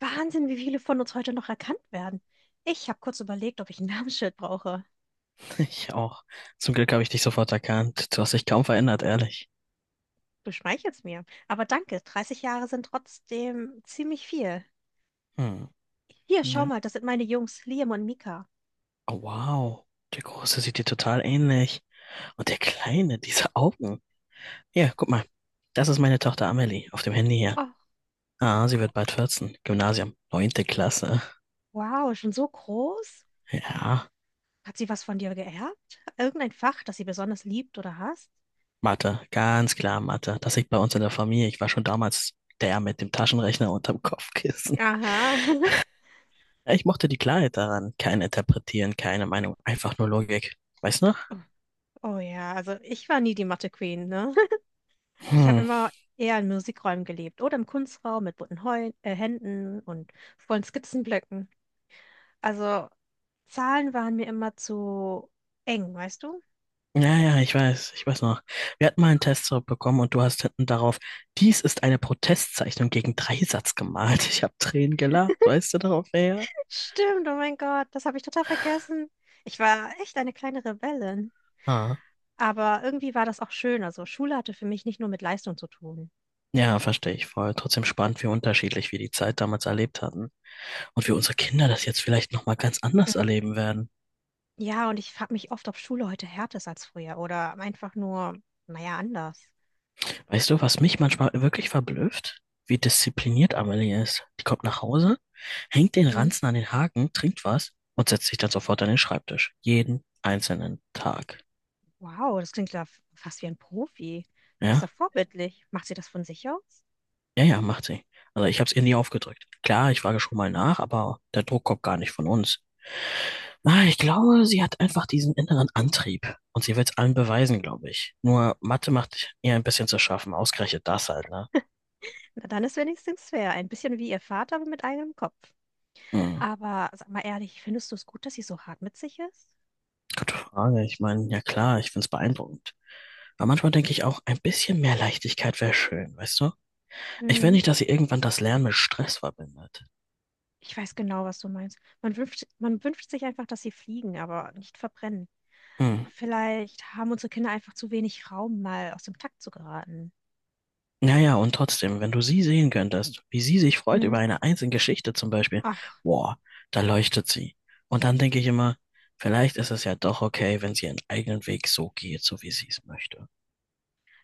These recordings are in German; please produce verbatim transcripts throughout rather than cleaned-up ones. Wahnsinn, wie viele von uns heute noch erkannt werden. Ich habe kurz überlegt, ob ich ein Namensschild brauche. Ich auch. Zum Glück habe ich dich sofort erkannt. Du hast dich kaum verändert, ehrlich. Du schmeichelst mir. Aber danke, dreißig Jahre sind trotzdem ziemlich viel. Hm. Hier, schau Ja. mal, das sind meine Jungs, Liam und Mika. Oh, wow. Der Große sieht dir total ähnlich. Und der Kleine, diese Augen. Ja, guck mal. Das ist meine Tochter Amelie auf dem Handy hier. Oh, Ah, sie wird bald vierzehn. Gymnasium. Neunte Klasse. wow, schon so groß? Ja. Hat sie was von dir geerbt? Irgendein Fach, das sie besonders liebt oder hasst? Mathe. Ganz klar Mathe. Das liegt bei uns in der Familie. Ich war schon damals der mit dem Taschenrechner unterm Kopfkissen. Aha. Ja, ich mochte die Klarheit daran. Kein Interpretieren, keine Meinung. Einfach nur Logik. Weißt du noch? Oh ja, also ich war nie die Mathe-Queen, ne? Ich habe Hm. immer eher in Musikräumen gelebt oder im Kunstraum mit bunten Heu äh, Händen und vollen Skizzenblöcken. Also Zahlen waren mir immer zu eng, weißt du? Ja, ja, ich weiß, ich weiß noch. Wir hatten mal einen Test zurückbekommen und du hast hinten darauf, dies ist eine Protestzeichnung gegen Dreisatz gemalt. Ich habe Tränen gelacht, weißt du darauf wer. Stimmt, oh mein Gott, das habe ich total vergessen. Ich war echt eine kleine Rebellin. Ah. Aber irgendwie war das auch schön. Also Schule hatte für mich nicht nur mit Leistung zu tun. Ja, verstehe ich voll. Trotzdem spannend, wie unterschiedlich wir die Zeit damals erlebt hatten und wie unsere Kinder das jetzt vielleicht nochmal ganz anders Mhm. erleben werden. Ja, und ich frage mich oft, ob Schule heute härter ist als früher oder einfach nur, naja, anders. Weißt du, was mich manchmal wirklich verblüfft? Wie diszipliniert Amelie ist. Die kommt nach Hause, hängt den Mhm. Ranzen an den Haken, trinkt was und setzt sich dann sofort an den Schreibtisch. Jeden einzelnen Tag. Wow, das klingt ja f- fast wie ein Profi. Ist ja Ja? vorbildlich. Macht sie das von sich aus? Ja, ja, macht sie. Also ich habe es ihr nie aufgedrückt. Klar, ich frage schon mal nach, aber der Druck kommt gar nicht von uns. Ah, ich glaube, sie hat einfach diesen inneren Antrieb. Und sie will es allen beweisen, glaube ich. Nur Mathe macht ihr ein bisschen zu schaffen. Ausgerechnet das halt, ne? Na, dann ist wenigstens fair. Ein bisschen wie ihr Vater, aber mit eigenem Kopf. Hm, Aber sag mal ehrlich, findest du es gut, dass sie so hart mit sich ist? gute Frage. Ich meine, ja klar, ich find's beeindruckend. Aber manchmal denke ich auch, ein bisschen mehr Leichtigkeit wäre schön, weißt du? Ich will Mhm. nicht, dass sie irgendwann das Lernen mit Stress verbindet. Ich weiß genau, was du meinst. Man wünscht, man wünscht sich einfach, dass sie fliegen, aber nicht verbrennen. Hm. Vielleicht haben unsere Kinder einfach zu wenig Raum, mal aus dem Takt zu geraten. Ja, ja, und trotzdem, wenn du sie sehen könntest, wie sie sich freut über Mhm. eine einzelne Geschichte zum Beispiel, Ach, boah, da leuchtet sie. Und dann denke ich immer, vielleicht ist es ja doch okay, wenn sie ihren eigenen Weg so geht, so wie sie es möchte.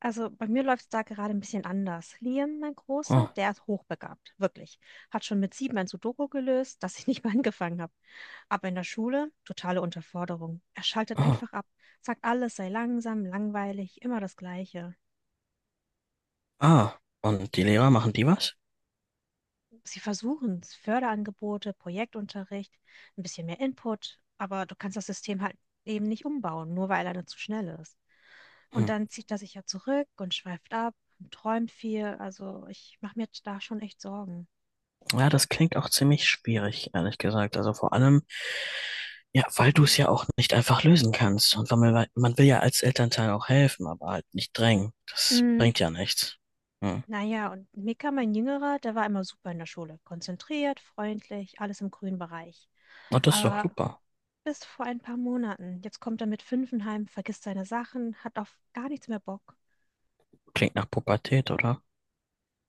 also bei mir läuft es da gerade ein bisschen anders. Liam, mein Großer, Oh, der ist hochbegabt, wirklich. Hat schon mit sieben ein Sudoku gelöst, das ich nicht mal angefangen habe. Aber in der Schule, totale Unterforderung. Er schaltet oh, einfach ab, sagt alles sei langsam, langweilig, immer das Gleiche. ah, und die Lehrer machen die was? Sie versuchen es, Förderangebote, Projektunterricht, ein bisschen mehr Input, aber du kannst das System halt eben nicht umbauen, nur weil er dann zu schnell ist. Hm. Und dann zieht er sich ja zurück und schweift ab und träumt viel. Also ich mache mir da schon echt Sorgen. Ja, das klingt auch ziemlich schwierig, ehrlich gesagt. Also vor allem, ja, weil du es ja auch nicht einfach lösen kannst. Und weil man, man will ja als Elternteil auch helfen, aber halt nicht drängen. Das Mhm. bringt ja nichts. Hm. Naja, und Mika, mein Jüngerer, der war immer super in der Schule. Konzentriert, freundlich, alles im grünen Bereich. Und das ist doch Aber super. bis vor ein paar Monaten, jetzt kommt er mit fünf heim, vergisst seine Sachen, hat auf gar nichts mehr Bock. Klingt nach Pubertät, oder?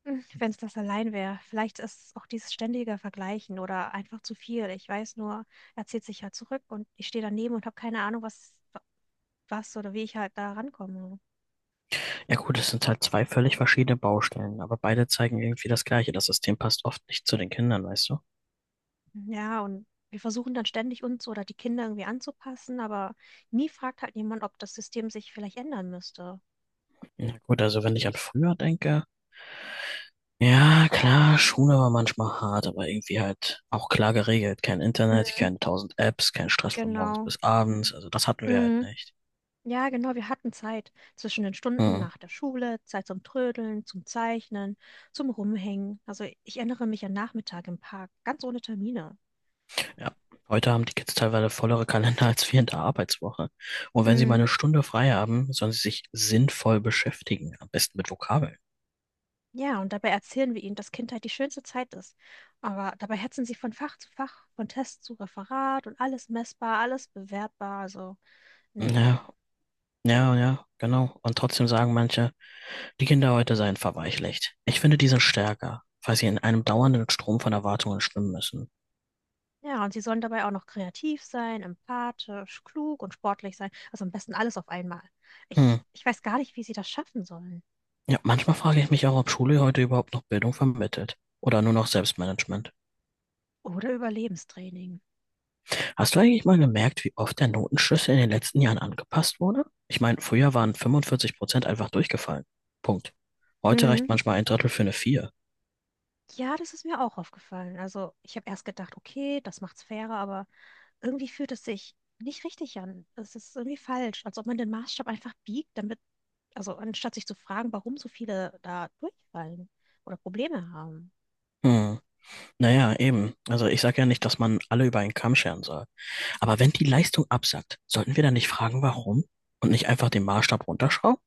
Wenn es das allein wäre. Vielleicht ist es auch dieses ständige Vergleichen oder einfach zu viel. Ich weiß nur, er zieht sich halt zurück und ich stehe daneben und habe keine Ahnung, was, was oder wie ich halt da rankomme. Ja gut, es sind halt zwei völlig verschiedene Baustellen, aber beide zeigen irgendwie das Gleiche. Das System passt oft nicht zu den Kindern, weißt du? Hm, ja, und wir versuchen dann ständig uns oder die Kinder irgendwie anzupassen, aber nie fragt halt jemand, ob das System sich vielleicht ändern müsste. Ja gut, also wenn ich an früher denke, ja klar, Schule war manchmal hart, aber irgendwie halt auch klar geregelt. Kein Internet, Mhm. keine tausend Apps, kein Stress von morgens Genau. bis abends. Also das hatten wir halt Mhm. nicht. Ja, genau, wir hatten Zeit zwischen den Stunden Hm. nach der Schule, Zeit zum Trödeln, zum Zeichnen, zum Rumhängen. Also ich erinnere mich an Nachmittag im Park, ganz ohne Termine. Ja. Heute haben die Kids teilweise vollere Kalender als wir in der Arbeitswoche. Und wenn sie mal Mm, eine Stunde frei haben, sollen sie sich sinnvoll beschäftigen, am besten mit Vokabeln. ja, und dabei erzählen wir ihnen, dass Kindheit die schönste Zeit ist. Aber dabei hetzen sie von Fach zu Fach, von Test zu Referat und alles messbar, alles bewertbar. Also, nee. Ja, ja, ja, genau. Und trotzdem sagen manche, die Kinder heute seien verweichlicht. Ich finde, die sind stärker, weil sie in einem dauernden Strom von Erwartungen schwimmen müssen. Ja, und sie sollen dabei auch noch kreativ sein, empathisch, klug und sportlich sein. Also am besten alles auf einmal. Ich, Hm. ich weiß gar nicht, wie sie das schaffen sollen. Ja, manchmal frage ich mich auch, ob Schule heute überhaupt noch Bildung vermittelt. Oder nur noch Selbstmanagement. Oder Überlebenstraining. Hast du eigentlich mal gemerkt, wie oft der Notenschlüssel in den letzten Jahren angepasst wurde? Ich meine, früher waren fünfundvierzig Prozent einfach durchgefallen. Punkt. Heute Mhm. reicht manchmal ein Drittel für eine Vier. Ja, das ist mir auch aufgefallen. Also ich habe erst gedacht, okay, das macht's fairer, aber irgendwie fühlt es sich nicht richtig an. Es ist irgendwie falsch, als ob man den Maßstab einfach biegt, damit, also anstatt sich zu fragen, warum so viele da durchfallen oder Probleme haben. Hm. Naja, eben. Also ich sage ja nicht, dass man alle über einen Kamm scheren soll. Aber wenn die Leistung absackt, sollten wir dann nicht fragen, warum? Und nicht einfach den Maßstab runterschrauben?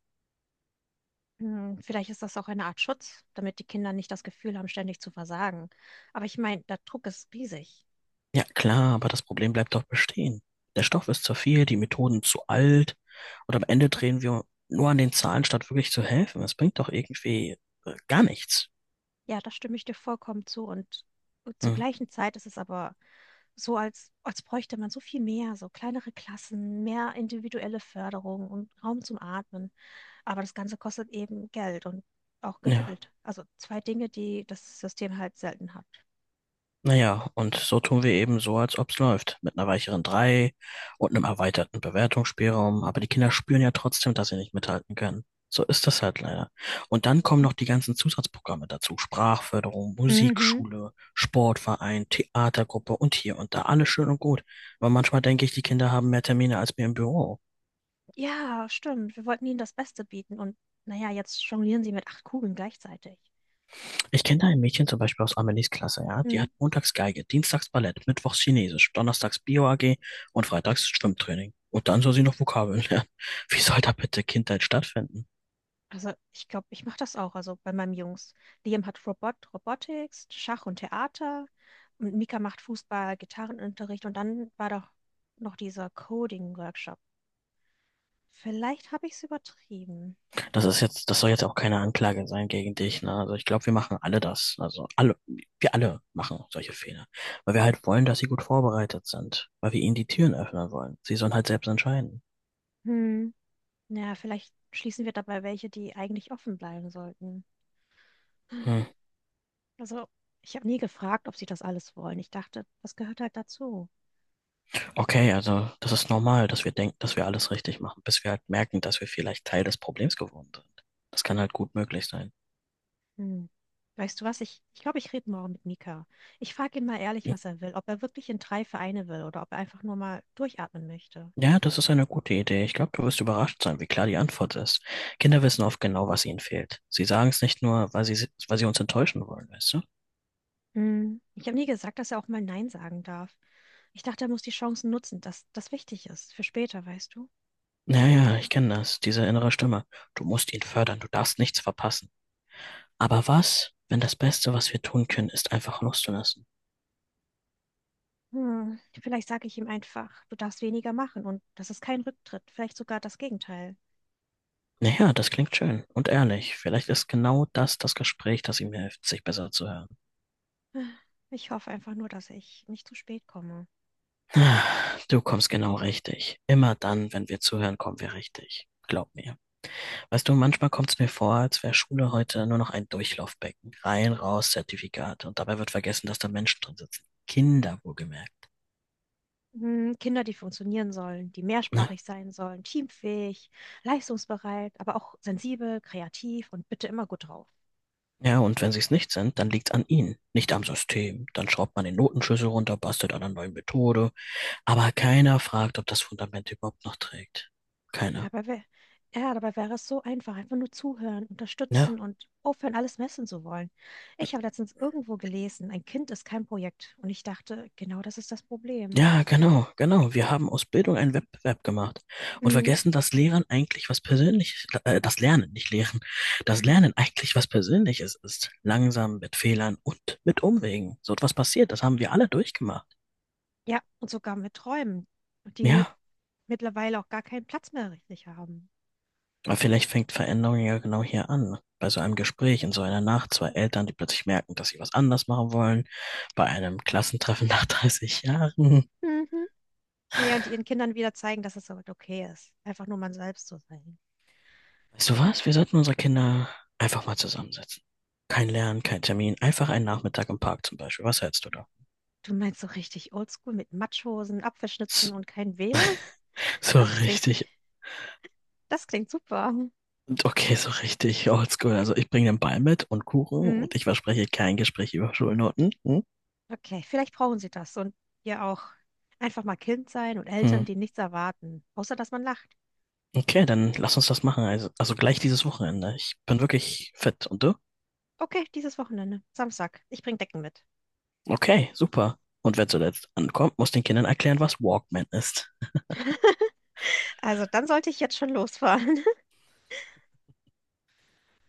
Hm, vielleicht ist das auch eine Art Schutz, damit die Kinder nicht das Gefühl haben, ständig zu versagen. Aber ich meine, der Druck ist riesig. Ja, klar, aber das Problem bleibt doch bestehen. Der Stoff ist zu viel, die Methoden zu alt und am Ende drehen wir nur an den Zahlen, statt wirklich zu helfen. Das bringt doch irgendwie äh, gar nichts. Ja, da stimme ich dir vollkommen zu. Und zur Hm. gleichen Zeit ist es aber so, als, als bräuchte man so viel mehr, so kleinere Klassen, mehr individuelle Förderung und Raum zum Atmen. Aber das Ganze kostet eben Geld und auch Ja. Geduld. Also zwei Dinge, die das System halt selten hat. Naja, und so tun wir eben so, als ob's läuft. Mit einer weicheren drei und einem erweiterten Bewertungsspielraum. Aber die Kinder spüren ja trotzdem, dass sie nicht mithalten können. So ist das halt leider. Und dann kommen noch die ganzen Zusatzprogramme dazu. Sprachförderung, Mhm. Musikschule, Sportverein, Theatergruppe und hier und da. Alles schön und gut. Aber manchmal denke ich, die Kinder haben mehr Termine als wir im Büro. Ja, stimmt. Wir wollten ihnen das Beste bieten. Und naja, jetzt jonglieren sie mit acht Kugeln gleichzeitig. Ich kenne da ein Mädchen zum Beispiel aus Amelies Klasse, ja. Die Mhm. hat montags Geige, dienstags Ballett, mittwochs Chinesisch, donnerstags Bio-A G und freitags Schwimmtraining. Und dann soll sie noch Vokabeln lernen. Wie soll da bitte Kindheit stattfinden? Also ich glaube, ich mache das auch. Also bei meinem Jungs. Liam hat Robot, Robotics, Schach und Theater. Und Mika macht Fußball, Gitarrenunterricht. Und dann war doch noch dieser Coding-Workshop. Vielleicht habe ich es übertrieben. Das ist jetzt, das soll jetzt auch keine Anklage sein gegen dich, ne? Also ich glaube, wir machen alle das. Also alle, wir alle machen solche Fehler. Weil wir halt wollen, dass sie gut vorbereitet sind. Weil wir ihnen die Türen öffnen wollen. Sie sollen halt selbst entscheiden. Hm. Naja, vielleicht schließen wir dabei welche, die eigentlich offen bleiben sollten. Hm. Also ich habe nie gefragt, ob sie das alles wollen. Ich dachte, das gehört halt dazu. Okay, also das ist normal, dass wir denken, dass wir alles richtig machen, bis wir halt merken, dass wir vielleicht Teil des Problems geworden sind. Das kann halt gut möglich sein. Hm. Weißt du was? Ich, ich glaube, ich rede morgen mit Mika. Ich frage ihn mal ehrlich, Hm. was er will, ob er wirklich in drei Vereine will oder ob er einfach nur mal durchatmen möchte. Ja, das ist eine gute Idee. Ich glaube, du wirst überrascht sein, wie klar die Antwort ist. Kinder wissen oft genau, was ihnen fehlt. Sie sagen es nicht nur, weil sie, si-, weil sie uns enttäuschen wollen, weißt du? Hm. Ich habe nie gesagt, dass er auch mal Nein sagen darf. Ich dachte, er muss die Chancen nutzen, dass das wichtig ist für später, weißt du? Naja, ich kenne das, diese innere Stimme. Du musst ihn fördern, du darfst nichts verpassen. Aber was, wenn das Beste, was wir tun können, ist einfach loszulassen? Hm. Vielleicht sage ich ihm einfach, du darfst weniger machen und das ist kein Rücktritt, vielleicht sogar das Gegenteil. Naja, das klingt schön und ehrlich. Vielleicht ist genau das das Gespräch, das ihm hilft, sich besser zu hören. Ich hoffe einfach nur, dass ich nicht zu spät komme. Ah, du kommst genau richtig. Immer dann, wenn wir zuhören, kommen wir richtig. Glaub mir. Weißt du, manchmal kommt es mir vor, als wäre Schule heute nur noch ein Durchlaufbecken. Rein, raus, Zertifikate. Und dabei wird vergessen, dass da Menschen drin sitzen. Kinder, wohlgemerkt. Mhm, Kinder, die funktionieren sollen, die Na, mehrsprachig sein sollen, teamfähig, leistungsbereit, aber auch sensibel, kreativ und bitte immer gut drauf. ja, und wenn sie es nicht sind, dann liegt's an ihnen, nicht am System. Dann schraubt man den Notenschlüssel runter, bastelt an einer neuen Methode. Aber keiner fragt, ob das Fundament überhaupt noch trägt. Keiner. Dabei wäre, ja, dabei wäre es so einfach, einfach nur zuhören, Ne? unterstützen und aufhören, alles messen zu wollen. Ich habe letztens irgendwo gelesen, ein Kind ist kein Projekt und ich dachte, genau das ist das Problem. Ja, genau, genau. Wir haben aus Bildung einen Wettbewerb gemacht und Mhm. vergessen, dass Lehren eigentlich was Persönliches, äh, das Lernen, nicht Lehren, das Lernen eigentlich was Persönliches ist. Langsam, mit Fehlern und mit Umwegen. So etwas passiert, das haben wir alle durchgemacht. Ja, und sogar mit Träumen, die Ja, mittlerweile auch gar keinen Platz mehr richtig haben. aber vielleicht fängt Veränderung ja genau hier an. Bei so einem Gespräch in so einer Nacht, zwei Eltern, die plötzlich merken, dass sie was anders machen wollen, bei einem Klassentreffen nach dreißig Jahren. Mhm. Naja, und die ihren Kindern wieder zeigen, dass es halt okay ist, einfach nur man selbst zu sein. Weißt du was? Wir sollten unsere Kinder einfach mal zusammensetzen. Kein Lernen, kein Termin, einfach einen Nachmittag im Park zum Beispiel. Was hältst du da? Du meinst so richtig oldschool mit Matschhosen, Apfelschnitzen S- und kein w lan? So Das klingt, richtig, das klingt super. okay, so richtig oldschool. Also ich bringe den Ball mit und Kuchen Mhm. und ich verspreche kein Gespräch über Schulnoten. Hm? Okay, vielleicht brauchen sie das und ihr auch. Einfach mal Kind sein und Hm. Eltern, die nichts erwarten, außer dass man lacht. Okay, dann lass uns das machen. Also, also gleich dieses Wochenende. Ich bin wirklich fit. Und du? Okay, dieses Wochenende, Samstag. Ich bringe Decken mit. Okay, super. Und wer zuletzt ankommt, muss den Kindern erklären, was Walkman ist. Also dann sollte ich jetzt schon losfahren.